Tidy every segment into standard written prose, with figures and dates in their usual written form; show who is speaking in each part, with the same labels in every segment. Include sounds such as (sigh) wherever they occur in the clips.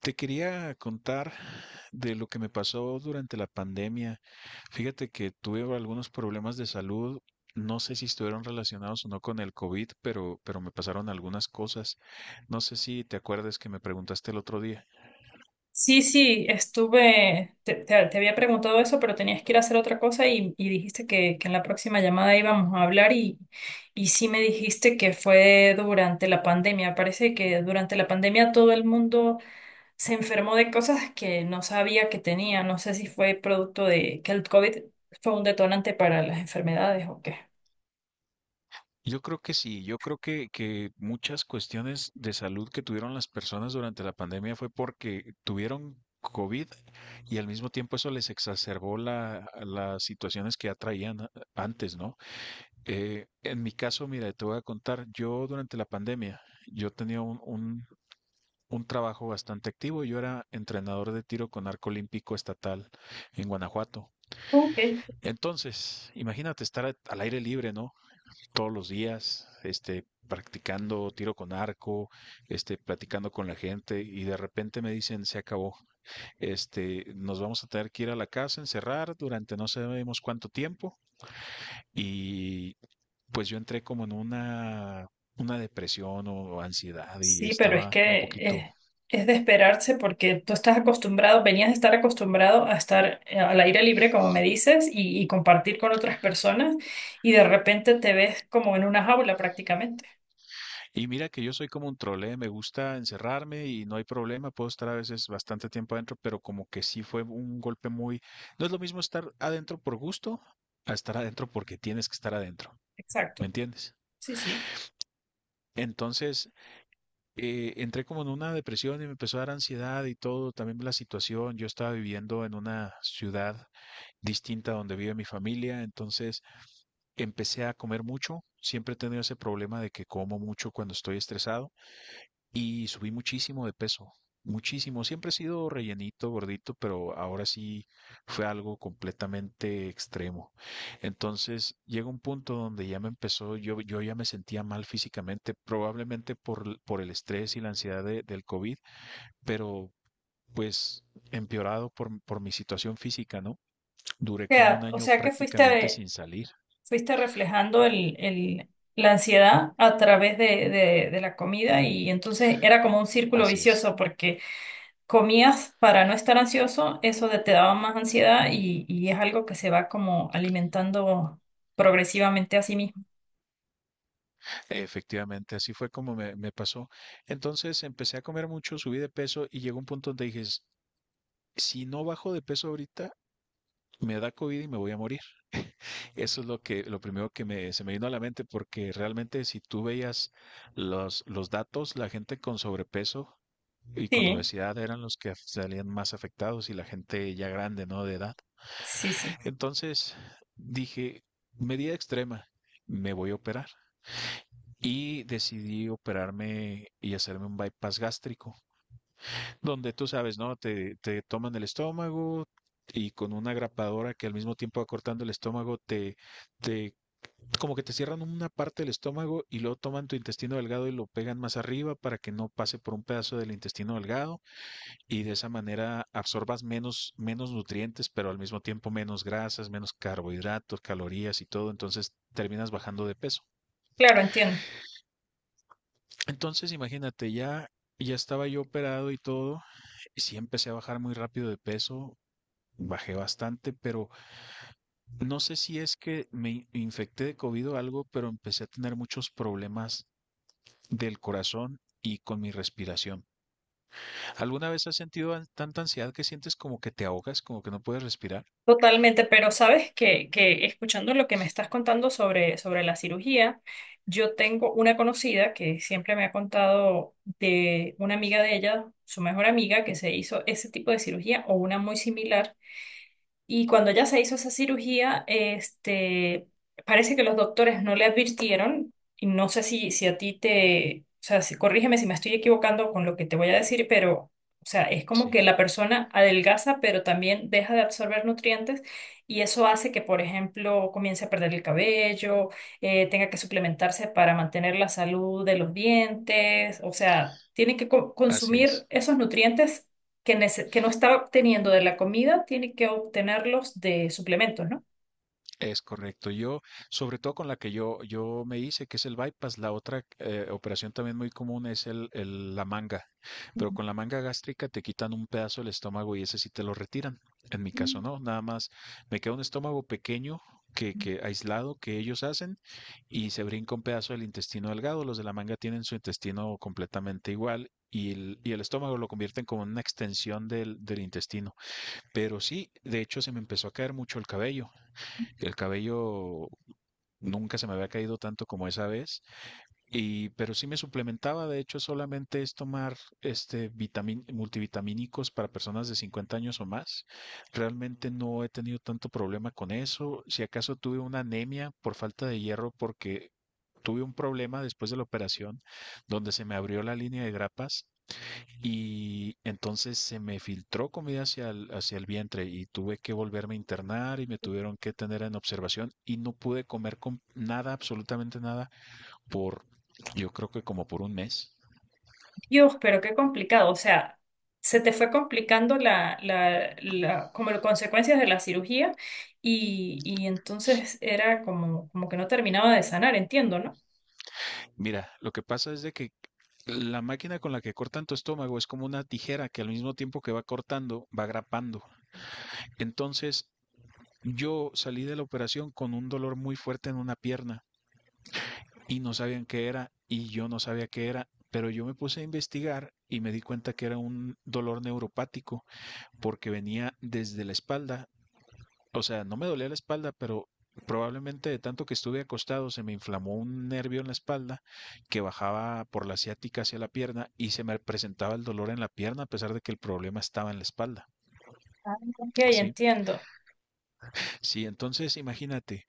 Speaker 1: Te quería contar de lo que me pasó durante la pandemia. Fíjate que tuve algunos problemas de salud. No sé si estuvieron relacionados o no con el COVID, pero me pasaron algunas cosas. No sé si te acuerdas que me preguntaste el otro día.
Speaker 2: Sí, sí, estuve, te había preguntado eso, pero tenías que ir a hacer otra cosa y dijiste que en la próxima llamada íbamos a hablar y sí me dijiste que fue durante la pandemia. Parece que durante la pandemia todo el mundo se enfermó de cosas que no sabía que tenía. No sé si fue producto de que el COVID fue un detonante para las enfermedades o qué.
Speaker 1: Yo creo que sí, yo creo que muchas cuestiones de salud que tuvieron las personas durante la pandemia fue porque tuvieron COVID y al mismo tiempo eso les exacerbó las situaciones que ya traían antes, ¿no? En mi caso, mira, te voy a contar, yo durante la pandemia, yo tenía un trabajo bastante activo, yo era entrenador de tiro con arco olímpico estatal en Guanajuato.
Speaker 2: Ok.
Speaker 1: Entonces, imagínate estar al aire libre, ¿no? Todos los días, este, practicando tiro con arco, este, platicando con la gente y de repente me dicen, se acabó, este, nos vamos a tener que ir a la casa, encerrar durante no sabemos cuánto tiempo y pues yo entré como en una depresión o ansiedad y
Speaker 2: Sí, pero es
Speaker 1: estaba un
Speaker 2: que
Speaker 1: poquito.
Speaker 2: eh, es de esperarse porque tú estás acostumbrado, venías de estar acostumbrado a estar al aire libre, como me dices, y compartir con otras personas, y de repente te ves como en una jaula prácticamente.
Speaker 1: Y mira que yo soy como un trole, me gusta encerrarme y no hay problema, puedo estar a veces bastante tiempo adentro, pero como que sí fue un golpe muy. No es lo mismo estar adentro por gusto a estar adentro porque tienes que estar adentro, ¿me
Speaker 2: Exacto.
Speaker 1: entiendes?
Speaker 2: Sí, sí.
Speaker 1: Entonces, entré como en una depresión y me empezó a dar ansiedad y todo, también la situación, yo estaba viviendo en una ciudad distinta a donde vive mi familia, entonces empecé a comer mucho, siempre he tenido ese problema de que como mucho cuando estoy estresado y subí muchísimo de peso, muchísimo. Siempre he sido rellenito, gordito, pero ahora sí fue algo completamente extremo. Entonces llega un punto donde ya me empezó, yo ya me sentía mal físicamente, probablemente por, por el estrés y la ansiedad del COVID, pero pues empeorado por mi situación física, ¿no? Duré como un
Speaker 2: O
Speaker 1: año
Speaker 2: sea que
Speaker 1: prácticamente sin salir.
Speaker 2: fuiste reflejando la ansiedad a través de, de la comida y entonces era como un círculo
Speaker 1: Así es.
Speaker 2: vicioso porque comías para no estar ansioso, te daba más ansiedad y es algo que se va como alimentando progresivamente a sí mismo.
Speaker 1: Efectivamente, así fue como me pasó. Entonces empecé a comer mucho, subí de peso y llegó un punto donde dije, Si no bajo de peso ahorita, me da COVID y me voy a morir. Eso es lo que, lo primero que se me vino a la mente, porque realmente si tú veías los datos, la gente con sobrepeso y con
Speaker 2: Sí,
Speaker 1: obesidad eran los que salían más afectados y la gente ya grande, ¿no? De edad.
Speaker 2: sí, sí.
Speaker 1: Entonces dije, medida extrema, me voy a operar. Y decidí operarme y hacerme un bypass gástrico, donde tú sabes, ¿no? Te toman el estómago y con una grapadora que al mismo tiempo va cortando el estómago, te, como que te cierran una parte del estómago y luego toman tu intestino delgado y lo pegan más arriba para que no pase por un pedazo del intestino delgado y de esa manera absorbas menos, menos nutrientes, pero al mismo tiempo menos grasas, menos carbohidratos, calorías y todo, entonces terminas bajando de peso.
Speaker 2: Claro, entiendo.
Speaker 1: Entonces, imagínate, ya estaba yo operado y todo, y sí empecé a bajar muy rápido de peso, bajé bastante, pero no sé si es que me infecté de COVID o algo, pero empecé a tener muchos problemas del corazón y con mi respiración. ¿Alguna vez has sentido tanta ansiedad que sientes como que te ahogas, como que no puedes respirar?
Speaker 2: Totalmente, pero sabes que escuchando lo que me estás contando sobre la cirugía, yo tengo una conocida que siempre me ha contado de una amiga de ella, su mejor amiga, que se hizo ese tipo de cirugía o una muy similar. Y cuando ella se hizo esa cirugía, este, parece que los doctores no le advirtieron, y no sé si, si a ti te, o sea, si, corrígeme si me estoy equivocando con lo que te voy a decir, pero, o sea, es como
Speaker 1: Sí,
Speaker 2: que la persona adelgaza, pero también deja de absorber nutrientes, y eso hace que, por ejemplo, comience a perder el cabello, tenga que suplementarse para mantener la salud de los dientes, o sea, tiene que
Speaker 1: así
Speaker 2: consumir
Speaker 1: es.
Speaker 2: esos nutrientes que no está obteniendo de la comida, tiene que obtenerlos de suplementos, ¿no?
Speaker 1: Es correcto. Yo, sobre todo con la que yo me hice, que es el bypass, la otra operación también muy común es la manga, pero
Speaker 2: Ujú.
Speaker 1: con la manga gástrica te quitan un pedazo del estómago y ese sí te lo retiran. En mi caso no, nada más me queda un estómago pequeño que aislado que ellos hacen y se brinca un pedazo del intestino delgado. Los de la manga tienen su intestino completamente igual. Y el estómago lo convierten como en una extensión del intestino. Pero sí, de hecho se me empezó a caer mucho el cabello. El cabello nunca se me había caído tanto como esa vez, y, pero sí me suplementaba, de hecho solamente es tomar multivitamínicos para personas de 50 años o más. Realmente no he tenido tanto problema con eso. Si acaso tuve una anemia por falta de hierro porque tuve un problema después de la operación donde se me abrió la línea de grapas y entonces se me filtró comida hacia hacia el vientre y tuve que volverme a internar y me tuvieron que tener en observación y no pude comer con nada, absolutamente nada, por yo creo que como por un mes.
Speaker 2: Dios, pero qué complicado. O sea, se te fue complicando como las consecuencias de la cirugía y entonces era como, como que no terminaba de sanar, entiendo, ¿no?
Speaker 1: Mira, lo que pasa es de que la máquina con la que cortan tu estómago es como una tijera que al mismo tiempo que va cortando, va grapando. Entonces, yo salí de la operación con un dolor muy fuerte en una pierna y no sabían qué era y yo no sabía qué era, pero yo me puse a investigar y me di cuenta que era un dolor neuropático porque venía desde la espalda, o sea, no me dolía la espalda, pero probablemente de tanto que estuve acostado se me inflamó un nervio en la espalda que bajaba por la ciática hacia la pierna y se me presentaba el dolor en la pierna a pesar de que el problema estaba en la espalda.
Speaker 2: Ok,
Speaker 1: Sí,
Speaker 2: entiendo.
Speaker 1: sí, entonces imagínate.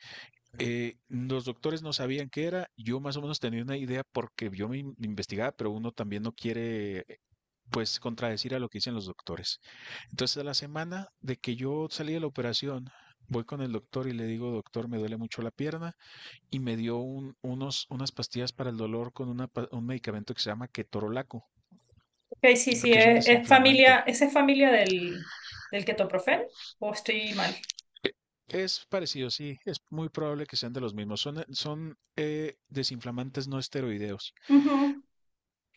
Speaker 1: Los doctores no sabían qué era, yo más o menos tenía una idea porque yo me investigaba, pero uno también no quiere, pues, contradecir a lo que dicen los doctores. Entonces, a la semana de que yo salí de la operación, voy con el doctor y le digo, doctor, me duele mucho la pierna, y me dio unas pastillas para el dolor con una un medicamento que se llama ketorolaco,
Speaker 2: Ok, sí, sí,
Speaker 1: que es un
Speaker 2: es familia,
Speaker 1: desinflamante.
Speaker 2: ¿esa es familia del, del ketoprofeno o estoy mal?
Speaker 1: Es parecido, sí, es muy probable que sean de los mismos. Son desinflamantes no esteroideos.
Speaker 2: Ujú.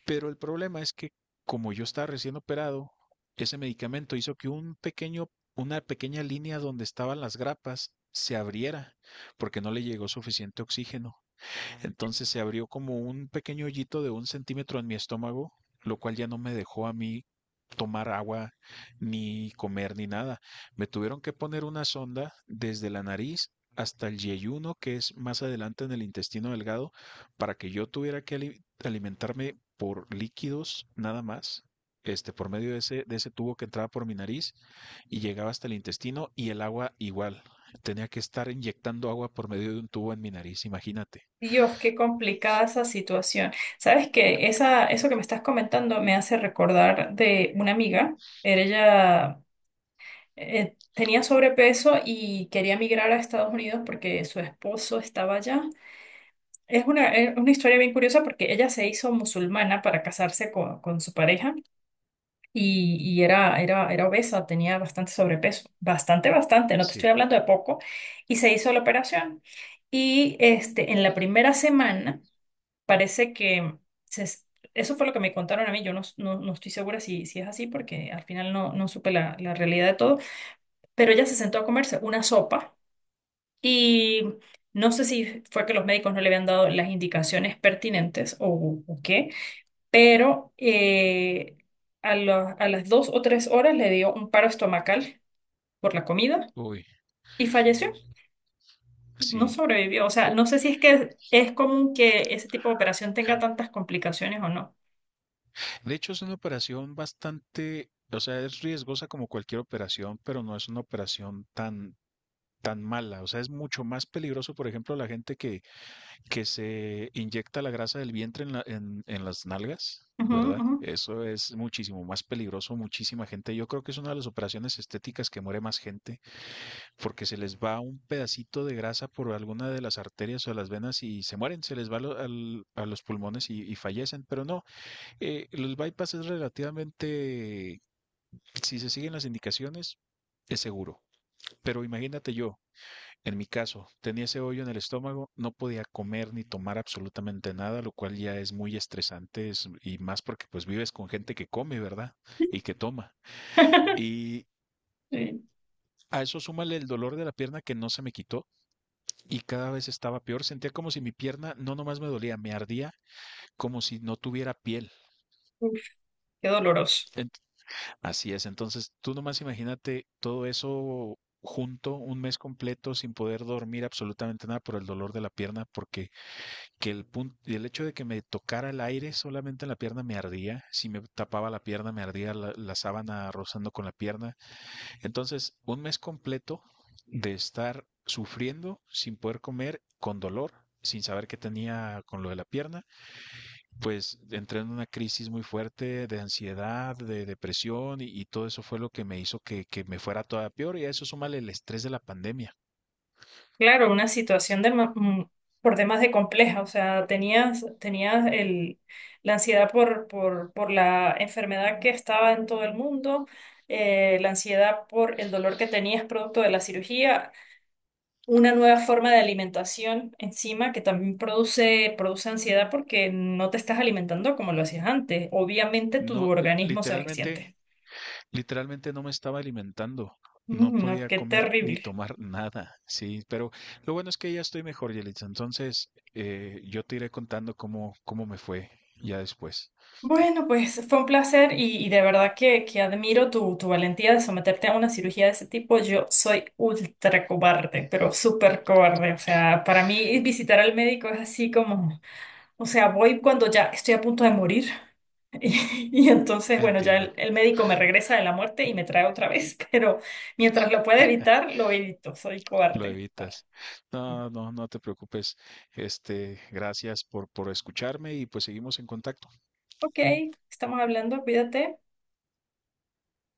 Speaker 1: Pero el problema es que como yo estaba recién operado, ese medicamento hizo que una pequeña línea donde estaban las grapas se abriera porque no le llegó suficiente oxígeno. Entonces se abrió como un pequeño hoyito de un centímetro en mi estómago, lo cual ya no me dejó a mí tomar agua, ni comer, ni nada. Me tuvieron que poner una sonda desde la nariz hasta el yeyuno, que es más adelante en el intestino delgado, para que yo tuviera que alimentarme por líquidos nada más, este, por medio de ese tubo que entraba por mi nariz y llegaba hasta el intestino y el agua igual. Tenía que estar inyectando agua por medio de un tubo en mi nariz, imagínate.
Speaker 2: Dios, qué complicada esa situación. Sabes eso que me estás comentando me hace recordar de una amiga. Era ella tenía sobrepeso y quería migrar a Estados Unidos porque su esposo estaba allá. Es es una historia bien curiosa porque ella se hizo musulmana para casarse con su pareja y era obesa, tenía bastante sobrepeso. Bastante, bastante, no te
Speaker 1: Sí,
Speaker 2: estoy hablando de poco. Y se hizo la operación. Y este, en la primera semana parece que se es- eso fue lo que me contaron a mí. Yo no, no, no estoy segura si, si es así porque al final no, no supe la realidad de todo. Pero ella se sentó a comerse una sopa y no sé si fue que los médicos no le habían dado las indicaciones pertinentes o qué, pero a las dos o tres horas le dio un paro estomacal por la comida
Speaker 1: uy,
Speaker 2: y falleció. No
Speaker 1: sí.
Speaker 2: sobrevivió. O sea,
Speaker 1: Eh,
Speaker 2: no sé si es que es común que ese tipo de operación tenga tantas complicaciones o no.
Speaker 1: De hecho, es una operación bastante, o sea, es riesgosa como cualquier operación, pero no es una operación tan mala. O sea, es mucho más peligroso, por ejemplo, la gente que se inyecta la grasa del vientre en en las nalgas,
Speaker 2: Ujú,
Speaker 1: ¿verdad?
Speaker 2: ujú.
Speaker 1: Eso es muchísimo más peligroso, muchísima gente. Yo creo que es una de las operaciones estéticas que muere más gente, porque se les va un pedacito de grasa por alguna de las arterias o las venas y se mueren, se les va a los pulmones y fallecen, pero no. Los bypass es relativamente, si se siguen las indicaciones, es seguro. Pero imagínate yo, en mi caso, tenía ese hoyo en el estómago, no podía comer ni tomar absolutamente nada, lo cual ya es muy estresante y más porque pues vives con gente que come, ¿verdad? Y que toma.
Speaker 2: (laughs)
Speaker 1: Y
Speaker 2: Sí.
Speaker 1: a eso súmale el dolor de la pierna que no se me quitó y cada vez estaba peor. Sentía como si mi pierna no nomás me dolía, me ardía como si no tuviera piel.
Speaker 2: Uf, qué doloroso.
Speaker 1: Así es, entonces tú nomás imagínate todo eso junto un mes completo sin poder dormir absolutamente nada por el dolor de la pierna, porque que el punto, el hecho de que me tocara el aire solamente en la pierna me ardía, si me tapaba la pierna me ardía la sábana rozando con la pierna. Entonces, un mes completo de estar sufriendo sin poder comer, con dolor, sin saber qué tenía con lo de la pierna pues entré en una crisis muy fuerte de ansiedad, de depresión y todo eso fue lo que me hizo que me fuera todavía peor y a eso súmale el estrés de la pandemia.
Speaker 2: Claro, una situación de, por demás de compleja, o sea, tenías el, la ansiedad por la enfermedad que estaba en todo el mundo, la ansiedad por el dolor que tenías producto de la cirugía, una nueva forma de alimentación encima que también produce ansiedad porque no te estás alimentando como lo hacías antes. Obviamente tu
Speaker 1: No,
Speaker 2: organismo se resiente. (laughs)
Speaker 1: literalmente no me estaba alimentando. No
Speaker 2: Mm, no,
Speaker 1: podía
Speaker 2: qué
Speaker 1: comer ni
Speaker 2: terrible.
Speaker 1: tomar nada, sí, pero lo bueno es que ya estoy mejor, Yelitza. Entonces, yo te iré contando cómo me fue ya después.
Speaker 2: Bueno, pues fue un placer y de verdad que admiro tu valentía de someterte a una cirugía de ese tipo. Yo soy ultra cobarde, pero súper cobarde. O sea, para mí visitar al médico es así como, o sea, voy cuando ya estoy a punto de morir. (laughs) Y, y
Speaker 1: (laughs)
Speaker 2: entonces, bueno, ya
Speaker 1: Entiendo,
Speaker 2: el médico me regresa de la muerte y me trae otra vez, (laughs) pero mientras lo pueda evitar, lo evito. Soy
Speaker 1: lo
Speaker 2: cobarde. Tal.
Speaker 1: evitas. No, no, no te preocupes. Este, gracias por escucharme y pues seguimos en contacto.
Speaker 2: Ok, estamos hablando, cuídate.